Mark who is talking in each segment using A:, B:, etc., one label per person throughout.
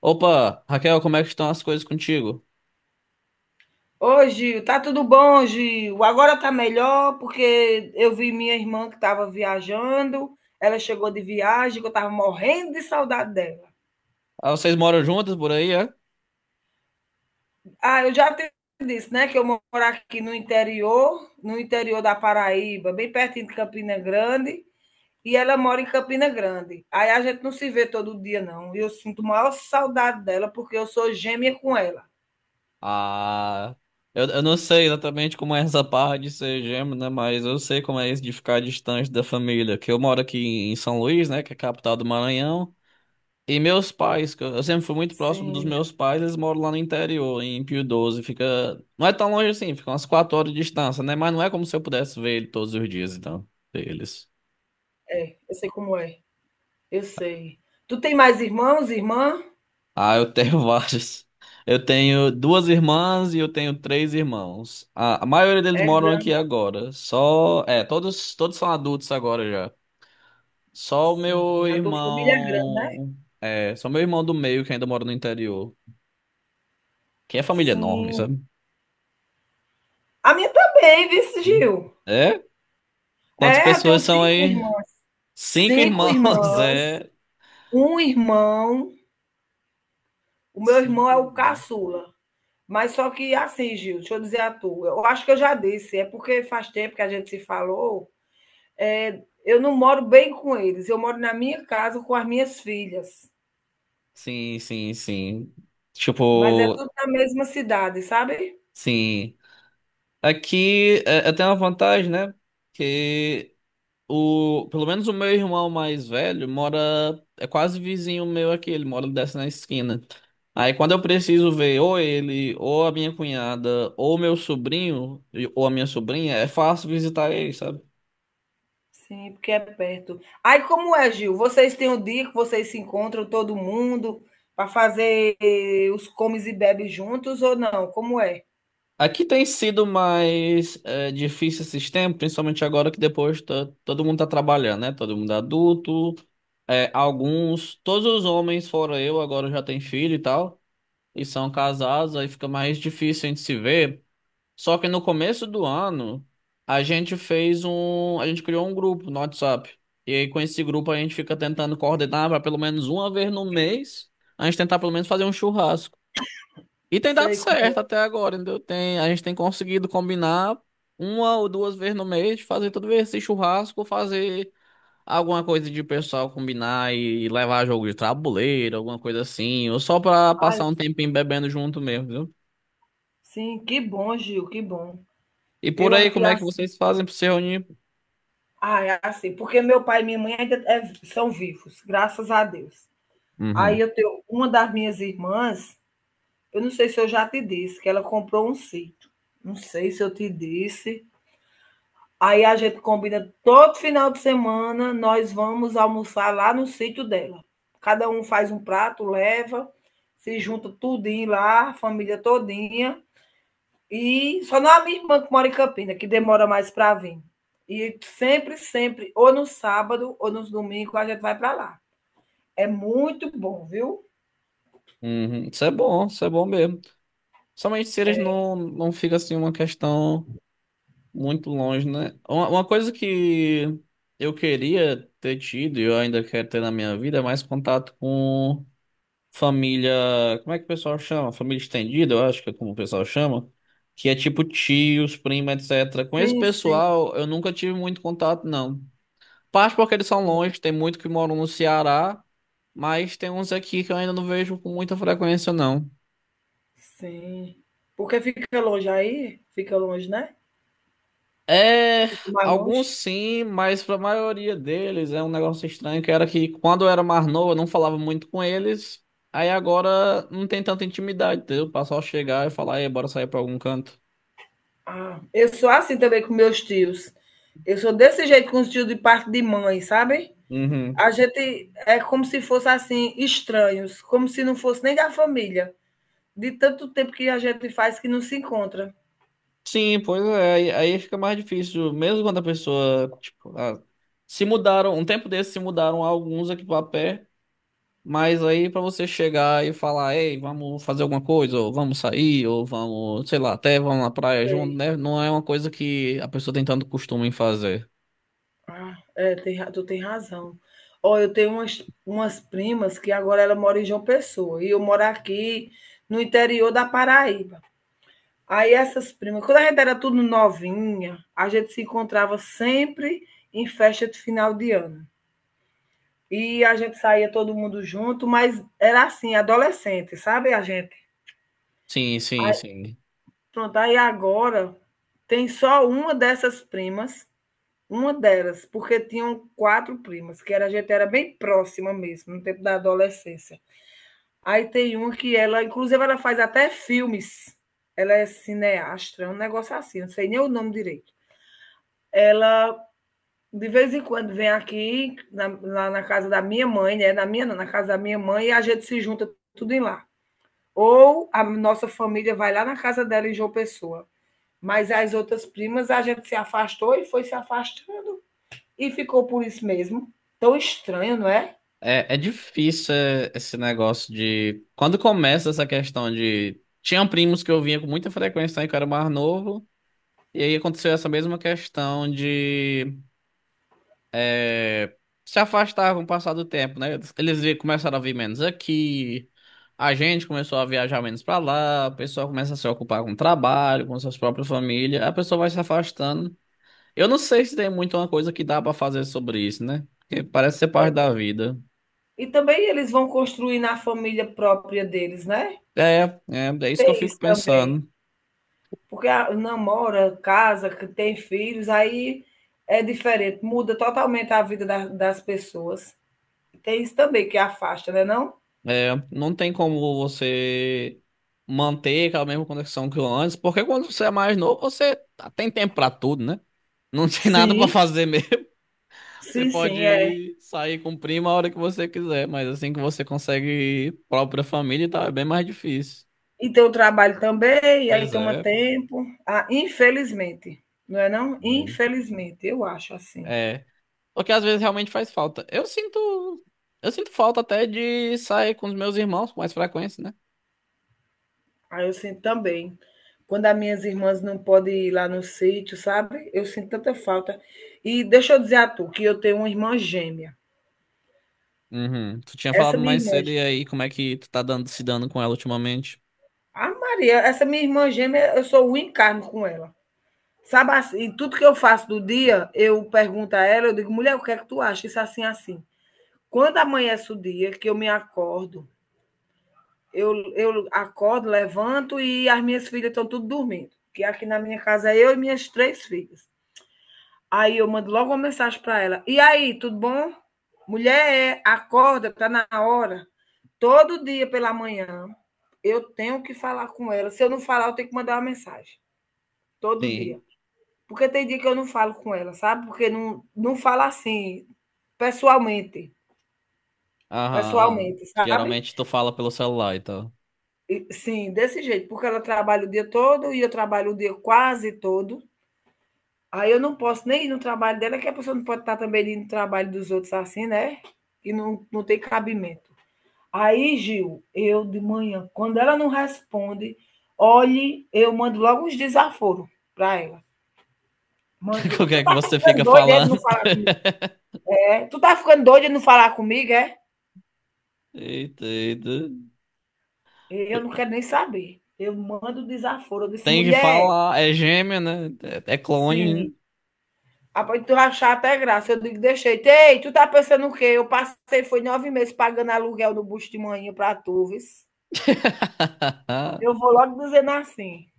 A: Opa, Raquel, como é que estão as coisas contigo?
B: Ô, Gil, tá tudo bom, Gil? Agora tá melhor, porque eu vi minha irmã que estava viajando, ela chegou de viagem, que eu estava morrendo de saudade dela.
A: Ah, vocês moram juntas por aí, é?
B: Ah, eu já te disse, né, que eu moro aqui no interior, no interior da Paraíba, bem pertinho de Campina Grande, e ela mora em Campina Grande. Aí a gente não se vê todo dia, não. E eu sinto maior saudade dela, porque eu sou gêmea com ela.
A: Ah, eu não sei exatamente como é essa parte de ser gêmeo, né? Mas eu sei como é isso de ficar distante da família. Que eu moro aqui em São Luís, né? Que é a capital do Maranhão. E meus pais, que eu sempre fui muito próximo dos
B: Sim,
A: meus pais, eles moram lá no interior, em Pio 12. Fica. Não é tão longe assim, fica umas 4 horas de distância, né? Mas não é como se eu pudesse ver ele todos os dias, então, eles.
B: é, eu sei como é, eu sei. Tu tem mais irmãos, irmã?
A: Ah, eu tenho vários. Eu tenho duas irmãs e eu tenho três irmãos. A maioria deles
B: É
A: moram aqui
B: grande.
A: agora. Só, é, todos são adultos agora já. Só o
B: Sim,
A: meu
B: a tua família é grande, né?
A: irmão, é, só meu irmão do meio que ainda mora no interior, que é família enorme,
B: Sim.
A: sabe?
B: A minha também, viu,
A: Hum.
B: Gil?
A: É? Quantas
B: É, eu tenho
A: pessoas são
B: 5
A: aí?
B: irmãs.
A: Cinco
B: Cinco
A: irmãos,
B: irmãs,
A: é.
B: um irmão. O meu irmão
A: Cinco
B: é o
A: irmãos.
B: caçula. Mas só que assim, Gil, deixa eu dizer a tua eu acho que eu já disse, é porque faz tempo que a gente se falou. É, eu não moro bem com eles, eu moro na minha casa com as minhas filhas,
A: Sim, sim, sim.
B: mas é
A: Tipo,
B: tudo na mesma cidade, sabe?
A: sim. Aqui é, eu tenho uma vantagem, né? Que O, pelo menos o meu irmão mais velho mora, é quase vizinho meu aqui, ele mora desce na esquina. Aí quando eu preciso ver ou ele, ou a minha cunhada, ou meu sobrinho, e- ou a minha sobrinha, é fácil visitar ele, sabe?
B: Sim, porque é perto. Aí como é, Gil? Vocês têm um dia que vocês se encontram todo mundo para fazer os comes e bebes juntos ou não? Como é?
A: Aqui tem sido mais é, difícil esses tempos, principalmente agora que depois tá- todo mundo tá trabalhando, né? Todo mundo é adulto, é, alguns, todos os homens, fora eu, agora já tem filho e tal, e são casados, aí fica mais difícil a gente se ver. Só que no começo do ano, a gente fez um. A gente criou um grupo no WhatsApp. E aí, com esse grupo, a gente fica tentando coordenar para pelo menos uma vez no mês, a gente tentar pelo menos fazer um churrasco. E tem dado
B: Sei
A: certo
B: como.
A: até agora, entendeu? Tem, a gente tem conseguido combinar uma ou duas vezes no mês, de fazer todo esse churrasco, fazer alguma coisa de pessoal combinar e levar jogo de tabuleiro, alguma coisa assim, ou só para
B: Ai,
A: passar um tempinho bebendo junto mesmo, viu?
B: sim, que bom, Gil, que bom.
A: E por
B: Eu
A: aí,
B: aqui
A: como é que
B: assim,
A: vocês fazem para se reunir?
B: ah, é assim, porque meu pai e minha mãe ainda são vivos, graças a Deus. Aí
A: Uhum.
B: eu tenho uma das minhas irmãs, eu não sei se eu já te disse, que ela comprou um sítio. Não sei se eu te disse. Aí a gente combina todo final de semana, nós vamos almoçar lá no sítio dela. Cada um faz um prato, leva, se junta tudinho lá, a família todinha. E só não a minha irmã que mora em Campina, que demora mais para vir. E sempre, sempre, ou no sábado ou nos domingos, a gente vai para lá. É muito bom, viu?
A: Uhum. Isso é bom mesmo. Somente se eles não fica assim uma questão muito longe, né? Uma coisa que eu queria ter tido e eu ainda quero ter na minha vida é mais contato com família. Como é que o pessoal chama? Família estendida, eu acho que é como o pessoal chama. Que é tipo tios, prima, etc. Com esse
B: Sim, sim,
A: pessoal eu nunca tive muito contato, não. Parte porque eles são longe, tem muito que moram no Ceará, mas tem uns aqui que eu ainda não vejo com muita frequência, não.
B: sim. Porque fica longe aí? Fica longe, né?
A: É,
B: Fica mais
A: alguns
B: longe.
A: sim, mas pra maioria deles é um negócio estranho que era que quando eu era mais novo eu não falava muito com eles, aí agora não tem tanta intimidade, entendeu? O pessoal chegar e falar, e bora sair pra algum canto.
B: Ah, eu sou assim também com meus tios. Eu sou desse jeito com os tios de parte de mãe, sabe?
A: Uhum.
B: A gente é como se fosse assim, estranhos, como se não fosse nem da família, de tanto tempo que a gente faz que não se encontra.
A: Sim, pois é, aí fica mais difícil, mesmo quando a pessoa, tipo, ah, se mudaram, um tempo desse se mudaram alguns aqui pra pé. Mas aí pra você chegar e falar, ei, vamos fazer alguma coisa, ou vamos sair, ou vamos, sei lá, até vamos na praia junto,
B: Sei.
A: né? Não é uma coisa que a pessoa tem tanto costume em fazer.
B: Ah, é, tem, tu tem razão. Ó, eu tenho umas primas que agora ela mora em João Pessoa e eu moro aqui no interior da Paraíba. Aí essas primas, quando a gente era tudo novinha, a gente se encontrava sempre em festa de final de ano. E a gente saía todo mundo junto, mas era assim, adolescente, sabe a gente?
A: Sim, sim,
B: Aí,
A: sim.
B: pronto, aí agora tem só uma dessas primas, uma delas, porque tinham quatro primas, que era, a gente era bem próxima mesmo, no tempo da adolescência. Aí tem uma que ela, inclusive, ela faz até filmes. Ela é cineasta, é um negócio assim, não sei nem o nome direito. Ela De vez em quando vem aqui, lá na casa da minha mãe, né? Na minha, não, na casa da minha mãe, e a gente se junta tudo em lá. Ou a nossa família vai lá na casa dela em João Pessoa. Mas as outras primas a gente se afastou e foi se afastando. E ficou por isso mesmo. Tão estranho, não é?
A: É, é difícil é, esse negócio de. Quando começa essa questão de. Tinha primos que eu vinha com muita frequência lá em que eu era mais novo, e aí aconteceu essa mesma questão de. É, se afastar com o passar do tempo, né? Eles vi- começaram a vir menos aqui, a gente começou a viajar menos pra lá, a pessoa começa a se ocupar com o trabalho, com suas próprias famílias, a pessoa vai se afastando. Eu não sei se tem muito uma coisa que dá pra fazer sobre isso, né? Porque parece ser parte da vida.
B: E também eles vão construir na família própria deles, né?
A: É, é, é isso que eu
B: Tem
A: fico
B: isso também.
A: pensando.
B: Porque namora, casa, que tem filhos, aí é diferente, muda totalmente a vida das pessoas. Tem isso também que afasta, né, não?
A: É, não tem como você manter aquela mesma conexão que antes, porque quando você é mais novo, você tem tempo pra tudo, né? Não tem nada pra
B: Sim,
A: fazer. Você
B: sim, sim. É.
A: pode sair com prima a hora que você quiser, mas assim que você consegue própria família, tá, é bem mais difícil.
B: E tem o trabalho também, e aí
A: Pois
B: toma
A: é.
B: tempo. Ah, infelizmente, não é não?
A: É.
B: Infelizmente, eu acho assim.
A: É. Porque às vezes realmente faz falta. Eu sinto. Eu sinto falta até de sair com os meus irmãos com mais frequência, né?
B: Aí eu sinto também. Quando as minhas irmãs não podem ir lá no sítio, sabe? Eu sinto tanta falta. E deixa eu dizer a tu que eu tenho uma irmã gêmea.
A: Uhum. Tu tinha falado
B: Essa minha
A: mais
B: irmã,
A: cedo, e aí, como é que tu tá dando, se dando com ela ultimamente?
B: a Maria, essa minha irmã gêmea, eu sou o encarno com ela. Sabe assim, e tudo que eu faço do dia, eu pergunto a ela, eu digo, mulher, o que é que tu acha? Isso assim, assim. Quando amanhece o dia que eu me acordo, eu acordo, levanto e as minhas filhas estão tudo dormindo. Que aqui na minha casa é eu e minhas três filhas. Aí eu mando logo uma mensagem para ela. E aí, tudo bom? Mulher, é, acorda, tá na hora. Todo dia pela manhã eu tenho que falar com ela. Se eu não falar, eu tenho que mandar uma mensagem. Todo dia.
A: Sim.
B: Porque tem dia que eu não falo com ela, sabe? Porque não falo assim, pessoalmente.
A: Aham, aham.
B: Pessoalmente, sabe?
A: Geralmente tu fala pelo celular e tal.
B: Sim, desse jeito, porque ela trabalha o dia todo e eu trabalho o dia quase todo. Aí eu não posso nem ir no trabalho dela, que a pessoa não pode estar também indo no trabalho dos outros assim, né? E não tem cabimento. Aí, Gil, eu de manhã, quando ela não responde, olhe, eu mando logo uns desaforos para ela. Mando,
A: O que
B: tu
A: é que
B: tá
A: você
B: ficando
A: fica
B: doida é, de não
A: falando?
B: falar, é? Tu tá ficando doida de não falar comigo, é?
A: Eita, eita.
B: Eu não quero nem saber. Eu mando desaforo. Eu disse,
A: Tem que
B: mulher,
A: falar, é gêmea, né? É é clone, né?
B: sim. Após tu achar até graça, eu digo, deixei. Ei, tu tá pensando o quê? Eu passei, foi 9 meses pagando aluguel do bucho de manhã pra tu, vis. Eu vou logo dizendo assim.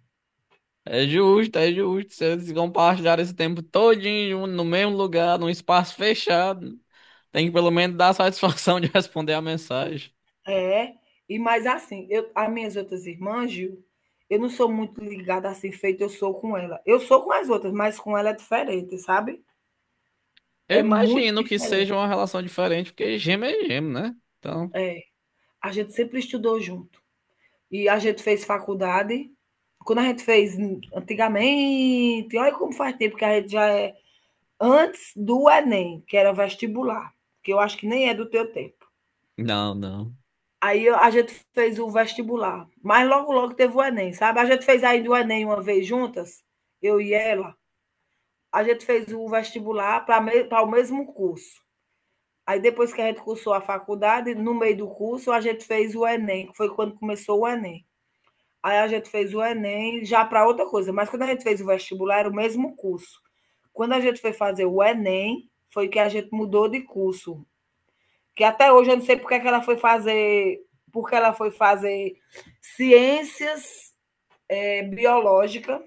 A: É
B: E-
A: justo, é justo. Se eles compartilharam esse tempo todinho no mesmo lugar, num espaço fechado, tem que pelo menos dar a satisfação de responder a mensagem.
B: É, e mais assim, eu, as minhas outras irmãs, Gil, eu não sou muito ligada assim, feito eu sou com ela. Eu sou com as outras, mas com ela é diferente, sabe?
A: Eu
B: É muito
A: imagino que
B: diferente.
A: seja uma relação diferente, porque gêmeo é gêmeo, né? Então,
B: É, a gente sempre estudou junto. E a gente fez faculdade. Quando a gente fez antigamente, olha como faz tempo que a gente já é antes do Enem, que era vestibular, que eu acho que nem é do teu tempo.
A: não, não.
B: Aí a gente fez o vestibular, mas logo, logo teve o Enem, sabe? A gente fez ainda o Enem uma vez juntas, eu e ela. A gente fez o vestibular para o mesmo curso. Aí depois que a gente cursou a faculdade, no meio do curso, a gente fez o Enem, que foi quando começou o Enem. Aí a gente fez o Enem já para outra coisa, mas quando a gente fez o vestibular era o mesmo curso. Quando a gente foi fazer o Enem, foi que a gente mudou de curso. Que até hoje eu não sei porque é que ela foi fazer, porque ela foi fazer ciências biológica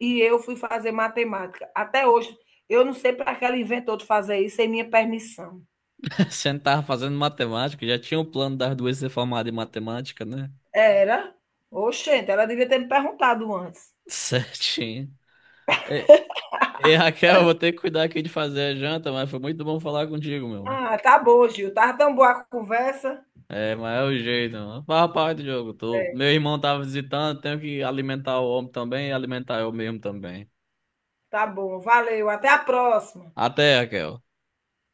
B: e eu fui fazer matemática. Até hoje eu não sei para que ela inventou de fazer isso sem minha permissão.
A: Você não tava fazendo matemática, já tinha o plano das duas ser formada em matemática, né?
B: Era. Oxente, ela devia ter me perguntado antes.
A: Certinho. É, ei, Raquel, vou ter que cuidar aqui de fazer a janta, mas foi muito bom falar contigo, meu.
B: Ah, tá bom, Gil. Tá tão boa a conversa.
A: É, mas é o jeito, mano. Fala parte do jogo. Tô... Meu irmão tava visitando, tenho que alimentar o homem também e alimentar eu mesmo também.
B: Tá bom, valeu. Até a próxima.
A: Até, Raquel.